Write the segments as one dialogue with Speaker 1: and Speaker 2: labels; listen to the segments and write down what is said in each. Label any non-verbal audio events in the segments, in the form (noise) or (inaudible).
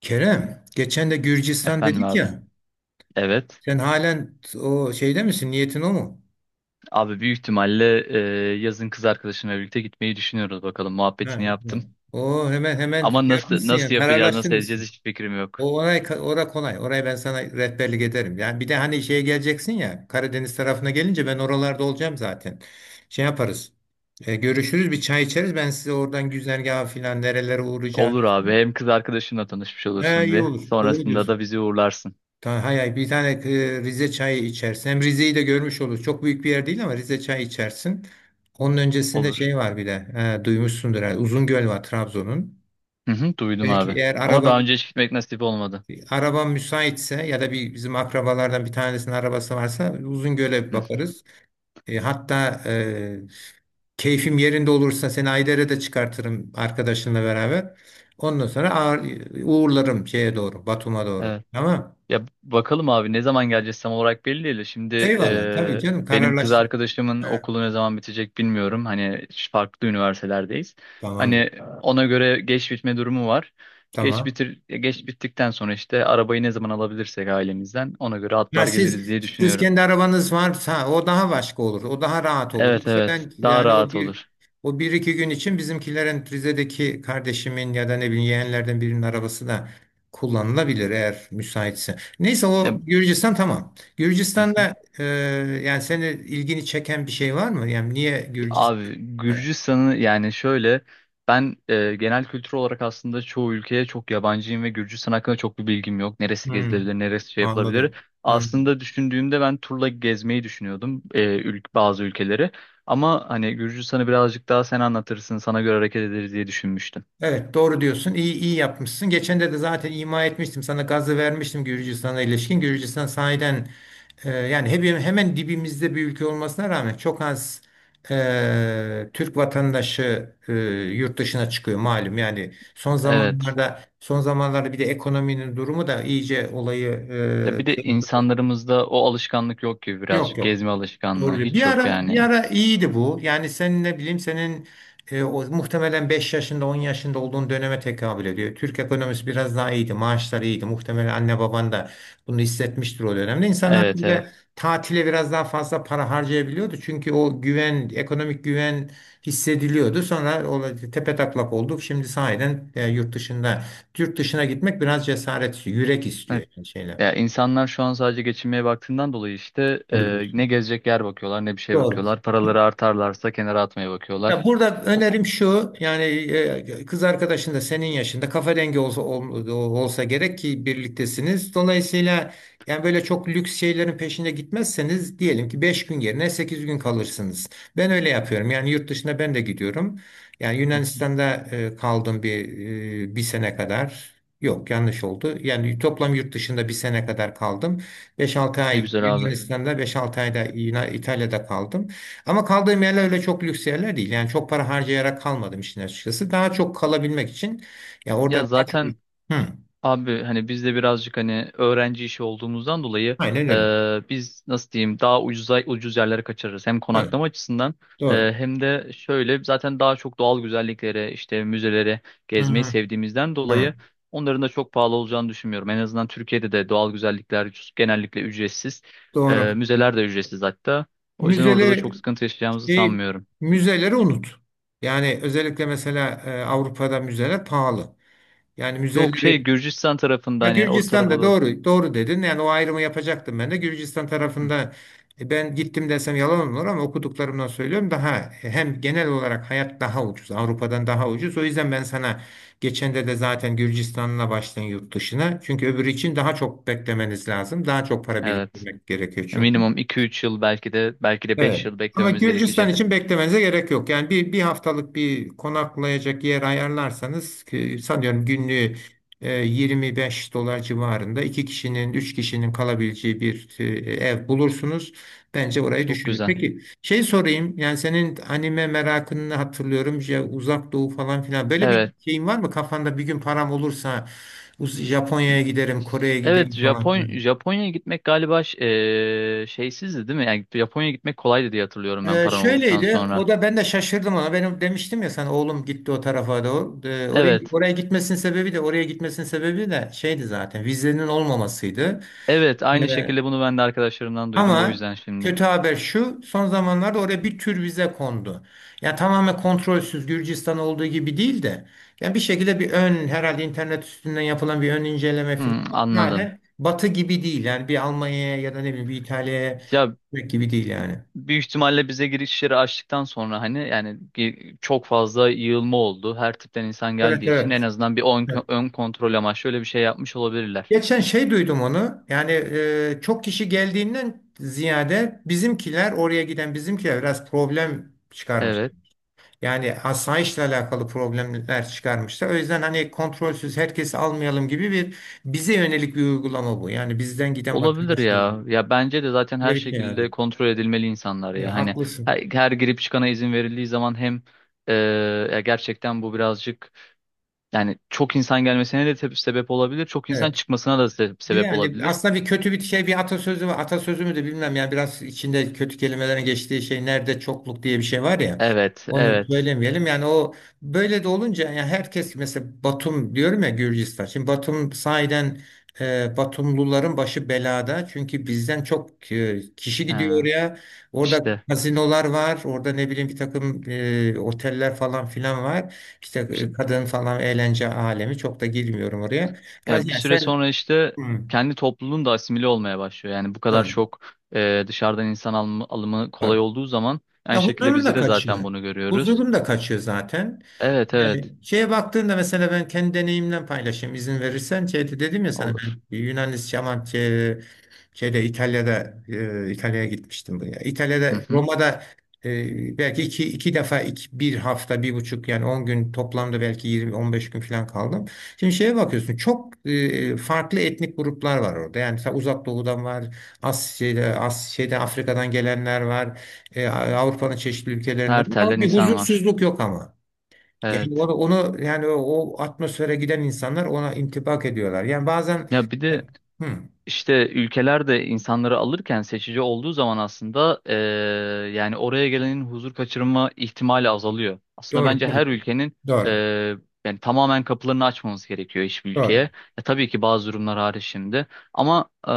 Speaker 1: Kerem, geçen de Gürcistan
Speaker 2: Efendim
Speaker 1: dedik
Speaker 2: abi.
Speaker 1: ya.
Speaker 2: Evet.
Speaker 1: Sen halen o şeyde misin? Niyetin o mu?
Speaker 2: Abi, büyük ihtimalle yazın kız arkadaşımla birlikte gitmeyi düşünüyoruz, bakalım.
Speaker 1: Ha,
Speaker 2: Muhabbetini
Speaker 1: o
Speaker 2: yaptım.
Speaker 1: o hemen hemen
Speaker 2: Ama
Speaker 1: şey
Speaker 2: nasıl
Speaker 1: yapmışsın ya.
Speaker 2: nasıl yapacağız, nasıl edeceğiz,
Speaker 1: Kararlaştırmışsın.
Speaker 2: hiç fikrim yok.
Speaker 1: O ora kolay. Oraya ben sana rehberlik ederim. Yani bir de hani şeye geleceksin ya. Karadeniz tarafına gelince ben oralarda olacağım zaten. Şey yaparız. Görüşürüz, bir çay içeriz. Ben size oradan güzergahı filan nerelere
Speaker 2: Olur
Speaker 1: uğrayacağınızı.
Speaker 2: abi. Hem kız arkadaşınla tanışmış
Speaker 1: He,
Speaker 2: olursun
Speaker 1: iyi
Speaker 2: bir.
Speaker 1: olur. Doğru
Speaker 2: Sonrasında da
Speaker 1: diyorsun.
Speaker 2: bizi uğurlarsın.
Speaker 1: Hay hay, bir tane Rize çayı içersin. Hem Rize'yi de görmüş olur. Çok büyük bir yer değil ama Rize çayı içersin. Onun öncesinde
Speaker 2: Olur.
Speaker 1: şey var bir de. Duymuşsundur. Uzungöl var Trabzon'un.
Speaker 2: Hı hı, duydum
Speaker 1: Belki
Speaker 2: abi.
Speaker 1: eğer
Speaker 2: Ama daha
Speaker 1: arabam
Speaker 2: önce hiç gitmek nasip olmadı.
Speaker 1: arabam müsaitse ya da bir bizim akrabalardan bir tanesinin arabası varsa Uzungöl'e bir
Speaker 2: Hı.
Speaker 1: bakarız. E, hatta e, Keyfim yerinde olursa seni Ayder'e de çıkartırım arkadaşınla beraber. Ondan sonra ağır, uğurlarım şeye doğru, Batum'a doğru.
Speaker 2: Evet.
Speaker 1: Tamam.
Speaker 2: Ya bakalım abi, ne zaman geleceğiz tam olarak belli değil. Şimdi
Speaker 1: Eyvallah. Tabii canım,
Speaker 2: benim kız
Speaker 1: kararlaştır.
Speaker 2: arkadaşımın okulu ne zaman bitecek bilmiyorum. Hani farklı üniversitelerdeyiz.
Speaker 1: Tamamdır.
Speaker 2: Hani ona göre geç bitme durumu var. Geç
Speaker 1: Tamam.
Speaker 2: bitir, geç bittikten sonra işte arabayı ne zaman alabilirsek ailemizden, ona göre
Speaker 1: Ya
Speaker 2: atlar geliriz
Speaker 1: siz
Speaker 2: diye
Speaker 1: siz
Speaker 2: düşünüyorum.
Speaker 1: kendi arabanız varsa o daha başka olur. O daha rahat olur.
Speaker 2: Evet,
Speaker 1: Yoksa
Speaker 2: evet,
Speaker 1: ben
Speaker 2: daha
Speaker 1: yani o
Speaker 2: rahat
Speaker 1: bir
Speaker 2: olur.
Speaker 1: o bir iki gün için bizimkilerin Rize'deki kardeşimin ya da ne bileyim yeğenlerden birinin arabası da kullanılabilir eğer müsaitse. Neyse
Speaker 2: Ya,
Speaker 1: o Gürcistan tamam.
Speaker 2: (laughs)
Speaker 1: Gürcistan'da yani seni ilgini çeken bir şey var mı? Yani niye Gürcistan?
Speaker 2: Abi,
Speaker 1: Evet.
Speaker 2: Gürcistan'ı yani şöyle, ben genel kültür olarak aslında çoğu ülkeye çok yabancıyım ve Gürcistan hakkında çok bir bilgim yok. Neresi
Speaker 1: Hmm,
Speaker 2: gezilebilir, neresi şey yapılabilir.
Speaker 1: anladım. Hmm.
Speaker 2: Aslında düşündüğümde ben turla gezmeyi düşünüyordum bazı ülkeleri. Ama hani Gürcistan'ı birazcık daha sen anlatırsın, sana göre hareket ederiz diye düşünmüştüm.
Speaker 1: Evet, doğru diyorsun. İyi iyi yapmışsın. Geçen de de zaten ima etmiştim. Sana gazı vermiştim Gürcistan'a ilişkin. Gürcistan sahiden yani hep, hemen dibimizde bir ülke olmasına rağmen çok az Türk vatandaşı yurt dışına çıkıyor malum. Yani son
Speaker 2: Evet.
Speaker 1: zamanlarda son zamanlarda bir de ekonominin durumu da iyice olayı
Speaker 2: Ya bir
Speaker 1: e,
Speaker 2: de
Speaker 1: şey-
Speaker 2: insanlarımızda o alışkanlık yok gibi
Speaker 1: yok
Speaker 2: birazcık.
Speaker 1: yok.
Speaker 2: Gezme alışkanlığı
Speaker 1: Doğru diyor. Bir
Speaker 2: hiç yok
Speaker 1: ara bir
Speaker 2: yani.
Speaker 1: ara iyiydi bu. Yani senin ne bileyim senin muhtemelen 5 yaşında 10 yaşında olduğun döneme tekabül ediyor. Türk ekonomisi biraz daha iyiydi. Maaşlar iyiydi. Muhtemelen anne baban da bunu hissetmiştir o dönemde. İnsanlar
Speaker 2: Evet, evet.
Speaker 1: böyle tatile biraz daha fazla para harcayabiliyordu. Çünkü o güven, ekonomik güven hissediliyordu. Sonra o tepetaklak olduk. Şimdi sahiden yurt dışına gitmek biraz cesaret istiyor, yürek istiyor yani şeyler.
Speaker 2: Ya insanlar şu an sadece geçinmeye baktığından dolayı işte
Speaker 1: Doğru
Speaker 2: ne
Speaker 1: diyorsun.
Speaker 2: gezecek yer bakıyorlar, ne bir şey
Speaker 1: Doğru.
Speaker 2: bakıyorlar. Paraları artarlarsa kenara atmaya bakıyorlar.
Speaker 1: Ya burada
Speaker 2: O-
Speaker 1: önerim şu yani kız arkadaşın da senin yaşında kafa dengi olsa gerek ki birliktesiniz. Dolayısıyla yani böyle çok lüks şeylerin peşine gitmezseniz diyelim ki 5 gün yerine 8 gün kalırsınız. Ben öyle yapıyorum. Yani yurt dışına ben de gidiyorum. Yani
Speaker 2: Hı.
Speaker 1: Yunanistan'da kaldım bir 1 sene kadar. Yok, yanlış oldu. Yani toplam yurt dışında 1 sene kadar kaldım. Beş altı
Speaker 2: Ne
Speaker 1: ay
Speaker 2: güzel abi.
Speaker 1: Yunanistan'da, 5-6 ayda İtalya'da kaldım. Ama kaldığım yerler öyle çok lüks yerler değil. Yani çok para harcayarak kalmadım işin açıkçası. Daha çok kalabilmek için ya
Speaker 2: Ya
Speaker 1: orada daha çok...
Speaker 2: zaten
Speaker 1: Hı,
Speaker 2: abi, hani biz de birazcık hani öğrenci işi olduğumuzdan dolayı
Speaker 1: aynen öyle.
Speaker 2: biz nasıl diyeyim, daha ucuz yerlere kaçırırız. Hem
Speaker 1: Evet,
Speaker 2: konaklama açısından
Speaker 1: doğru.
Speaker 2: hem de şöyle zaten daha çok doğal güzelliklere, işte müzeleri
Speaker 1: Hı,
Speaker 2: gezmeyi
Speaker 1: hı,
Speaker 2: sevdiğimizden
Speaker 1: hı,
Speaker 2: dolayı onların da çok pahalı olacağını düşünmüyorum. En azından Türkiye'de de doğal güzellikler genellikle ücretsiz.
Speaker 1: doğru.
Speaker 2: Müzeler de ücretsiz hatta. O yüzden orada da çok
Speaker 1: Müzeleri
Speaker 2: sıkıntı yaşayacağımızı
Speaker 1: şey,
Speaker 2: sanmıyorum.
Speaker 1: müzeleri unut. Yani özellikle mesela Avrupa'da müzeler pahalı. Yani
Speaker 2: Yok şey,
Speaker 1: müzeleri.
Speaker 2: Gürcistan tarafında,
Speaker 1: Ya
Speaker 2: hani o tarafa
Speaker 1: Gürcistan'da
Speaker 2: doğru.
Speaker 1: doğru doğru dedin. Yani o ayrımı yapacaktım ben de. Gürcistan
Speaker 2: Hı,
Speaker 1: tarafında ben gittim desem yalan olur ama okuduklarımdan söylüyorum daha hem genel olarak hayat daha ucuz. Avrupa'dan daha ucuz. O yüzden ben sana geçen de de zaten Gürcistan'la başlayın yurt dışına. Çünkü öbürü için daha çok beklemeniz lazım. Daha çok para
Speaker 2: evet.
Speaker 1: biriktirmek gerekiyor çünkü.
Speaker 2: Minimum 2-3 yıl, belki de 5
Speaker 1: Evet.
Speaker 2: yıl
Speaker 1: Ama
Speaker 2: beklememiz
Speaker 1: Gürcistan
Speaker 2: gerekecek.
Speaker 1: için beklemenize gerek yok. Yani bir haftalık bir konaklayacak yer ayarlarsanız ki sanıyorum günlüğü 25 dolar civarında iki kişinin, üç kişinin kalabileceği bir ev bulursunuz. Bence orayı
Speaker 2: Çok
Speaker 1: düşünün.
Speaker 2: güzel.
Speaker 1: Peki şey sorayım. Yani senin anime merakını hatırlıyorum. Ya uzak doğu falan filan. Böyle bir
Speaker 2: Evet.
Speaker 1: şeyin var mı kafanda? Bir gün param olursa Japonya'ya giderim, Kore'ye
Speaker 2: Evet,
Speaker 1: giderim falan.
Speaker 2: Japonya'ya gitmek galiba şeysizdi değil mi? Yani Japonya'ya gitmek kolaydı diye hatırlıyorum ben, paran olduktan
Speaker 1: Şöyleydi.
Speaker 2: sonra.
Speaker 1: O da ben de şaşırdım ona. Benim demiştim ya sana oğlum gitti o tarafa doğru. Oraya
Speaker 2: Evet.
Speaker 1: oraya gitmesinin sebebi de oraya gitmesinin sebebi de şeydi zaten. Vizenin olmamasıydı.
Speaker 2: Evet, aynı
Speaker 1: Ee,
Speaker 2: şekilde bunu ben de arkadaşlarımdan duydum, o
Speaker 1: ama
Speaker 2: yüzden şimdi.
Speaker 1: Kötü haber şu. Son zamanlarda oraya bir tür vize kondu. Yani tamamen kontrolsüz Gürcistan olduğu gibi değil de yani bir şekilde bir ön herhalde internet üstünden yapılan bir ön inceleme falan
Speaker 2: Hmm, anladım.
Speaker 1: hala Batı gibi değil. Yani bir Almanya'ya ya da ne bileyim bir İtalya'ya
Speaker 2: Ya
Speaker 1: gitmek gibi değil yani.
Speaker 2: büyük ihtimalle bize girişleri açtıktan sonra, hani yani çok fazla yığılma oldu. Her tipten insan
Speaker 1: Evet
Speaker 2: geldiği için en
Speaker 1: evet.
Speaker 2: azından bir ön kontrol amaçlı öyle bir şey yapmış olabilirler.
Speaker 1: Geçen şey duydum onu. Yani çok kişi geldiğinden ziyade bizimkiler oraya giden bizimkiler biraz problem çıkarmış.
Speaker 2: Evet.
Speaker 1: Yani asayişle alakalı problemler çıkarmışlar. O yüzden hani kontrolsüz herkesi almayalım gibi bir bize yönelik bir uygulama bu. Yani bizden giden
Speaker 2: Olabilir
Speaker 1: vatandaşlara
Speaker 2: ya.
Speaker 1: yönelik.
Speaker 2: Ya bence de zaten her
Speaker 1: Böyle bir şey yani.
Speaker 2: şekilde kontrol edilmeli insanlar ya.
Speaker 1: Evet,
Speaker 2: Hani
Speaker 1: haklısın.
Speaker 2: her girip çıkana izin verildiği zaman, hem e, ya gerçekten bu birazcık yani çok insan gelmesine de sebep olabilir. Çok insan
Speaker 1: Evet.
Speaker 2: çıkmasına da sebep
Speaker 1: Yani
Speaker 2: olabilir.
Speaker 1: aslında bir kötü bir şey bir atasözü var. Atasözü mü de bilmem yani biraz içinde kötü kelimelerin geçtiği şey nerede çokluk diye bir şey var ya.
Speaker 2: Evet,
Speaker 1: Onu
Speaker 2: evet.
Speaker 1: söylemeyelim. Yani o böyle de olunca yani herkes mesela Batum diyorum ya Gürcistan. Şimdi Batum sahiden Batumluların başı belada. Çünkü bizden çok kişi gidiyor
Speaker 2: Ha,
Speaker 1: oraya. Orada
Speaker 2: işte,
Speaker 1: kazinolar var. Orada ne bileyim bir takım oteller falan filan var. İşte
Speaker 2: işte
Speaker 1: kadın falan eğlence alemi. Çok da girmiyorum oraya.
Speaker 2: ya bir
Speaker 1: Yani
Speaker 2: süre
Speaker 1: sen.
Speaker 2: sonra işte
Speaker 1: Hı.
Speaker 2: kendi topluluğun da asimile olmaya başlıyor. Yani bu kadar
Speaker 1: Doğru.
Speaker 2: çok dışarıdan insan alımı kolay
Speaker 1: Doğru.
Speaker 2: olduğu zaman aynı
Speaker 1: Ya
Speaker 2: şekilde
Speaker 1: huzurun
Speaker 2: bizde
Speaker 1: da
Speaker 2: de zaten
Speaker 1: kaçıyor.
Speaker 2: bunu görüyoruz.
Speaker 1: Huzurun da kaçıyor zaten.
Speaker 2: Evet,
Speaker 1: Yani
Speaker 2: evet.
Speaker 1: şeye baktığında mesela ben kendi deneyimden paylaşayım izin verirsen. Şeyde dedim ya sana
Speaker 2: Olur.
Speaker 1: ben Yunanistan'a. Şeyde İtalya'da İtalya'ya gitmiştim buraya.
Speaker 2: Hı
Speaker 1: İtalya'da
Speaker 2: hı.
Speaker 1: Roma'da belki bir hafta bir buçuk yani 10 gün toplamda belki 20-15 gün falan kaldım. Şimdi şeye bakıyorsun çok farklı etnik gruplar var orada. Yani mesela Uzak Doğu'dan var, Asya'da Afrika'dan gelenler var, Avrupa'nın çeşitli ülkelerinden
Speaker 2: Her
Speaker 1: var ama
Speaker 2: telden
Speaker 1: bir
Speaker 2: insan var.
Speaker 1: huzursuzluk yok ama. Yani
Speaker 2: Evet.
Speaker 1: onu yani o atmosfere giden insanlar ona intibak ediyorlar. Yani bazen.
Speaker 2: Ya bir de
Speaker 1: Hı,
Speaker 2: işte ülkeler de insanları alırken seçici olduğu zaman, aslında yani oraya gelenin huzur kaçırma ihtimali azalıyor. Aslında
Speaker 1: doğru,
Speaker 2: bence her
Speaker 1: tabii,
Speaker 2: ülkenin
Speaker 1: doğru.
Speaker 2: eee, yani tamamen kapılarını açmamız gerekiyor, hiçbir ülkeye.
Speaker 1: Doğru.
Speaker 2: Ya tabii ki bazı durumlar hariç şimdi. Ama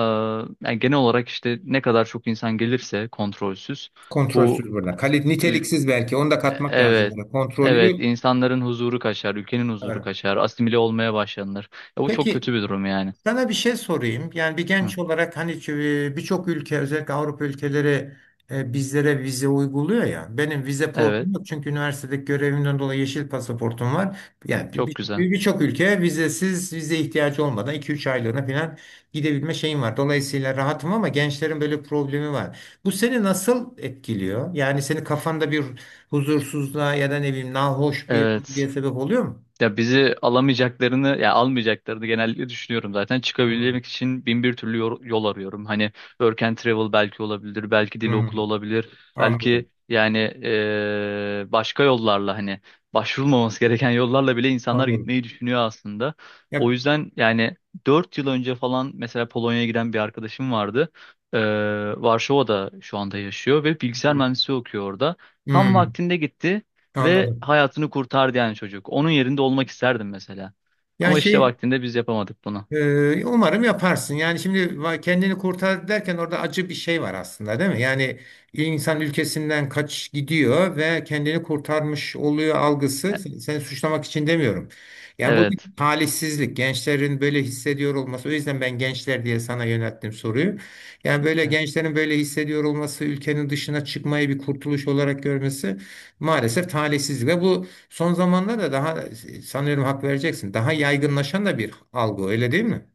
Speaker 2: yani genel olarak işte ne kadar çok insan gelirse kontrolsüz,
Speaker 1: Kontrolsüz
Speaker 2: bu
Speaker 1: burada. Kali, niteliksiz belki. Onu da katmak lazım
Speaker 2: Evet.
Speaker 1: burada.
Speaker 2: Evet,
Speaker 1: Kontrollü.
Speaker 2: insanların huzuru kaçar, ülkenin huzuru
Speaker 1: Evet.
Speaker 2: kaçar, asimile olmaya başlanır. Ya bu çok
Speaker 1: Peki
Speaker 2: kötü bir durum yani.
Speaker 1: sana bir şey sorayım. Yani bir
Speaker 2: Hı.
Speaker 1: genç olarak hani birçok ülke özellikle Avrupa ülkeleri bizlere vize uyguluyor ya. Benim vize
Speaker 2: Evet,
Speaker 1: problemim yok çünkü üniversitedeki görevimden dolayı yeşil pasaportum var. Yani
Speaker 2: çok güzel.
Speaker 1: birçok ülkeye vizesiz, vize ihtiyacı olmadan 2-3 aylığına falan gidebilme şeyim var. Dolayısıyla rahatım ama gençlerin böyle bir problemi var. Bu seni nasıl etkiliyor? Yani senin kafanda bir huzursuzluğa ya da ne bileyim nahoş bir
Speaker 2: Evet.
Speaker 1: diye sebep oluyor mu?
Speaker 2: Ya bizi alamayacaklarını ya almayacaklarını genellikle düşünüyorum zaten.
Speaker 1: Hmm.
Speaker 2: Çıkabilmek için bin bir türlü yol arıyorum. Hani work and travel belki olabilir, belki dil
Speaker 1: Hmm.
Speaker 2: okulu olabilir,
Speaker 1: Anladım.
Speaker 2: belki yani başka yollarla, hani başvurulmaması gereken yollarla bile insanlar
Speaker 1: Anladım.
Speaker 2: gitmeyi düşünüyor aslında. O
Speaker 1: Ya.
Speaker 2: yüzden yani 4 yıl önce falan mesela Polonya'ya giden bir arkadaşım vardı. Eee, Varşova'da şu anda yaşıyor ve bilgisayar mühendisliği okuyor orada. Tam
Speaker 1: Hmm,
Speaker 2: vaktinde gitti. Ve
Speaker 1: anladım.
Speaker 2: hayatını kurtardı yani, çocuk. Onun yerinde olmak isterdim mesela.
Speaker 1: Yani
Speaker 2: Ama işte vaktinde biz yapamadık bunu.
Speaker 1: umarım yaparsın. Yani şimdi kendini kurtar derken orada acı bir şey var aslında değil mi? Yani insan ülkesinden kaç gidiyor ve kendini kurtarmış oluyor algısı. Seni suçlamak için demiyorum. Yani bu bir
Speaker 2: Evet.
Speaker 1: talihsizlik. Gençlerin böyle hissediyor olması. O yüzden ben gençler diye sana yönelttim soruyu. Yani böyle
Speaker 2: Evet,
Speaker 1: gençlerin böyle hissediyor olması, ülkenin dışına çıkmayı bir kurtuluş olarak görmesi maalesef talihsizlik. Ve bu son zamanlarda daha sanıyorum hak vereceksin. Daha yaygınlaşan da bir algı öyle değil mi?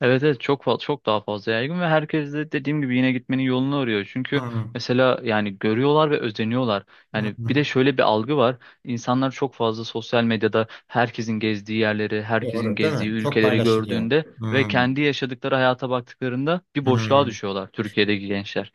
Speaker 2: evet, evet, çok daha fazla yaygın ve herkes de dediğim gibi yine gitmenin yolunu arıyor. Çünkü
Speaker 1: Hı,
Speaker 2: mesela yani görüyorlar ve özeniyorlar.
Speaker 1: hı.
Speaker 2: Yani bir de şöyle bir algı var. İnsanlar çok fazla sosyal medyada herkesin gezdiği yerleri, herkesin
Speaker 1: Doğru değil
Speaker 2: gezdiği
Speaker 1: mi? Çok
Speaker 2: ülkeleri
Speaker 1: paylaşılıyor.
Speaker 2: gördüğünde
Speaker 1: Hı,
Speaker 2: ve kendi yaşadıkları hayata baktıklarında bir
Speaker 1: hı.
Speaker 2: boşluğa düşüyorlar, Türkiye'deki gençler.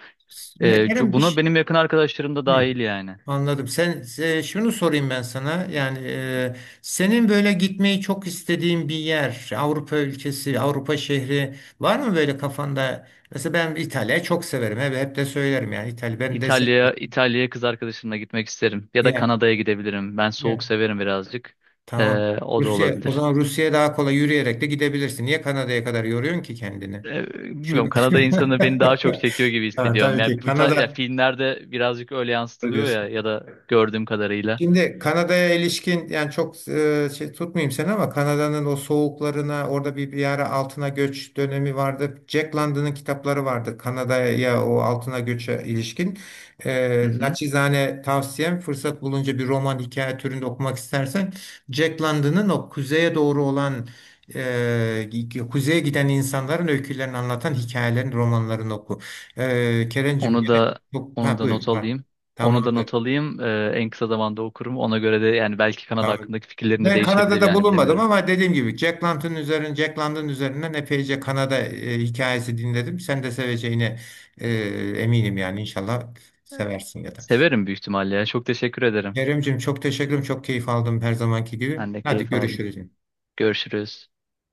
Speaker 1: Kerem bir
Speaker 2: Buna
Speaker 1: şey...
Speaker 2: benim yakın arkadaşlarım da
Speaker 1: Hı,
Speaker 2: dahil yani.
Speaker 1: anladım. Şunu sorayım ben sana. Yani senin böyle gitmeyi çok istediğin bir yer, Avrupa ülkesi, Avrupa şehri var mı böyle kafanda? Mesela ben İtalya'yı çok severim. Hep de söylerim yani İtalya. Ben de
Speaker 2: İtalya'ya kız arkadaşımla gitmek isterim. Ya da
Speaker 1: yani,
Speaker 2: Kanada'ya gidebilirim. Ben soğuk
Speaker 1: yani
Speaker 2: severim birazcık.
Speaker 1: Tamam.
Speaker 2: O da
Speaker 1: Rusya, o
Speaker 2: olabilir.
Speaker 1: zaman Rusya'ya daha kolay yürüyerek de gidebilirsin. Niye Kanada'ya kadar yoruyorsun ki kendini?
Speaker 2: Bilmiyorum,
Speaker 1: Şurada.
Speaker 2: Kanada insanı beni daha çok
Speaker 1: (laughs)
Speaker 2: çekiyor gibi
Speaker 1: Ha,
Speaker 2: hissediyorum.
Speaker 1: tabii
Speaker 2: Yani
Speaker 1: ki
Speaker 2: bu ya
Speaker 1: Kanada
Speaker 2: filmlerde birazcık öyle yansıtılıyor ya,
Speaker 1: diyorsun.
Speaker 2: ya da gördüğüm kadarıyla.
Speaker 1: Şimdi Kanada'ya ilişkin yani çok tutmayayım seni ama Kanada'nın o soğuklarına orada bir ara altına göç dönemi vardı. Jack London'ın kitapları vardı Kanada'ya o altına göçe ilişkin.
Speaker 2: Hı hı.
Speaker 1: Naçizane tavsiyem fırsat bulunca bir roman hikaye türünde okumak istersen Jack London'ın o kuzeye doğru olan e, kuzeye giden insanların öykülerini anlatan hikayelerini romanlarını oku. Kerencim
Speaker 2: Onu
Speaker 1: gene
Speaker 2: da
Speaker 1: çok
Speaker 2: onu
Speaker 1: ha,
Speaker 2: da not
Speaker 1: buyur. Ha,
Speaker 2: alayım. Onu
Speaker 1: tamam.
Speaker 2: da not alayım. En kısa zamanda okurum. Ona göre de yani belki Kanada
Speaker 1: Tamam.
Speaker 2: hakkındaki fikirlerim de
Speaker 1: Ben
Speaker 2: değişebilir
Speaker 1: Kanada'da
Speaker 2: yani,
Speaker 1: bulunmadım
Speaker 2: bilemiyorum.
Speaker 1: ama dediğim gibi Jack London üzerine, Jack London üzerinden epeyce Kanada hikayesi dinledim. Sen de seveceğine e, eminim yani inşallah seversin ya da.
Speaker 2: Severim büyük ihtimalle ya. Çok teşekkür ederim.
Speaker 1: Keremcim çok teşekkürüm, çok keyif aldım her zamanki gibi.
Speaker 2: Ben de
Speaker 1: Hadi
Speaker 2: keyif aldım.
Speaker 1: görüşürüz.
Speaker 2: Görüşürüz.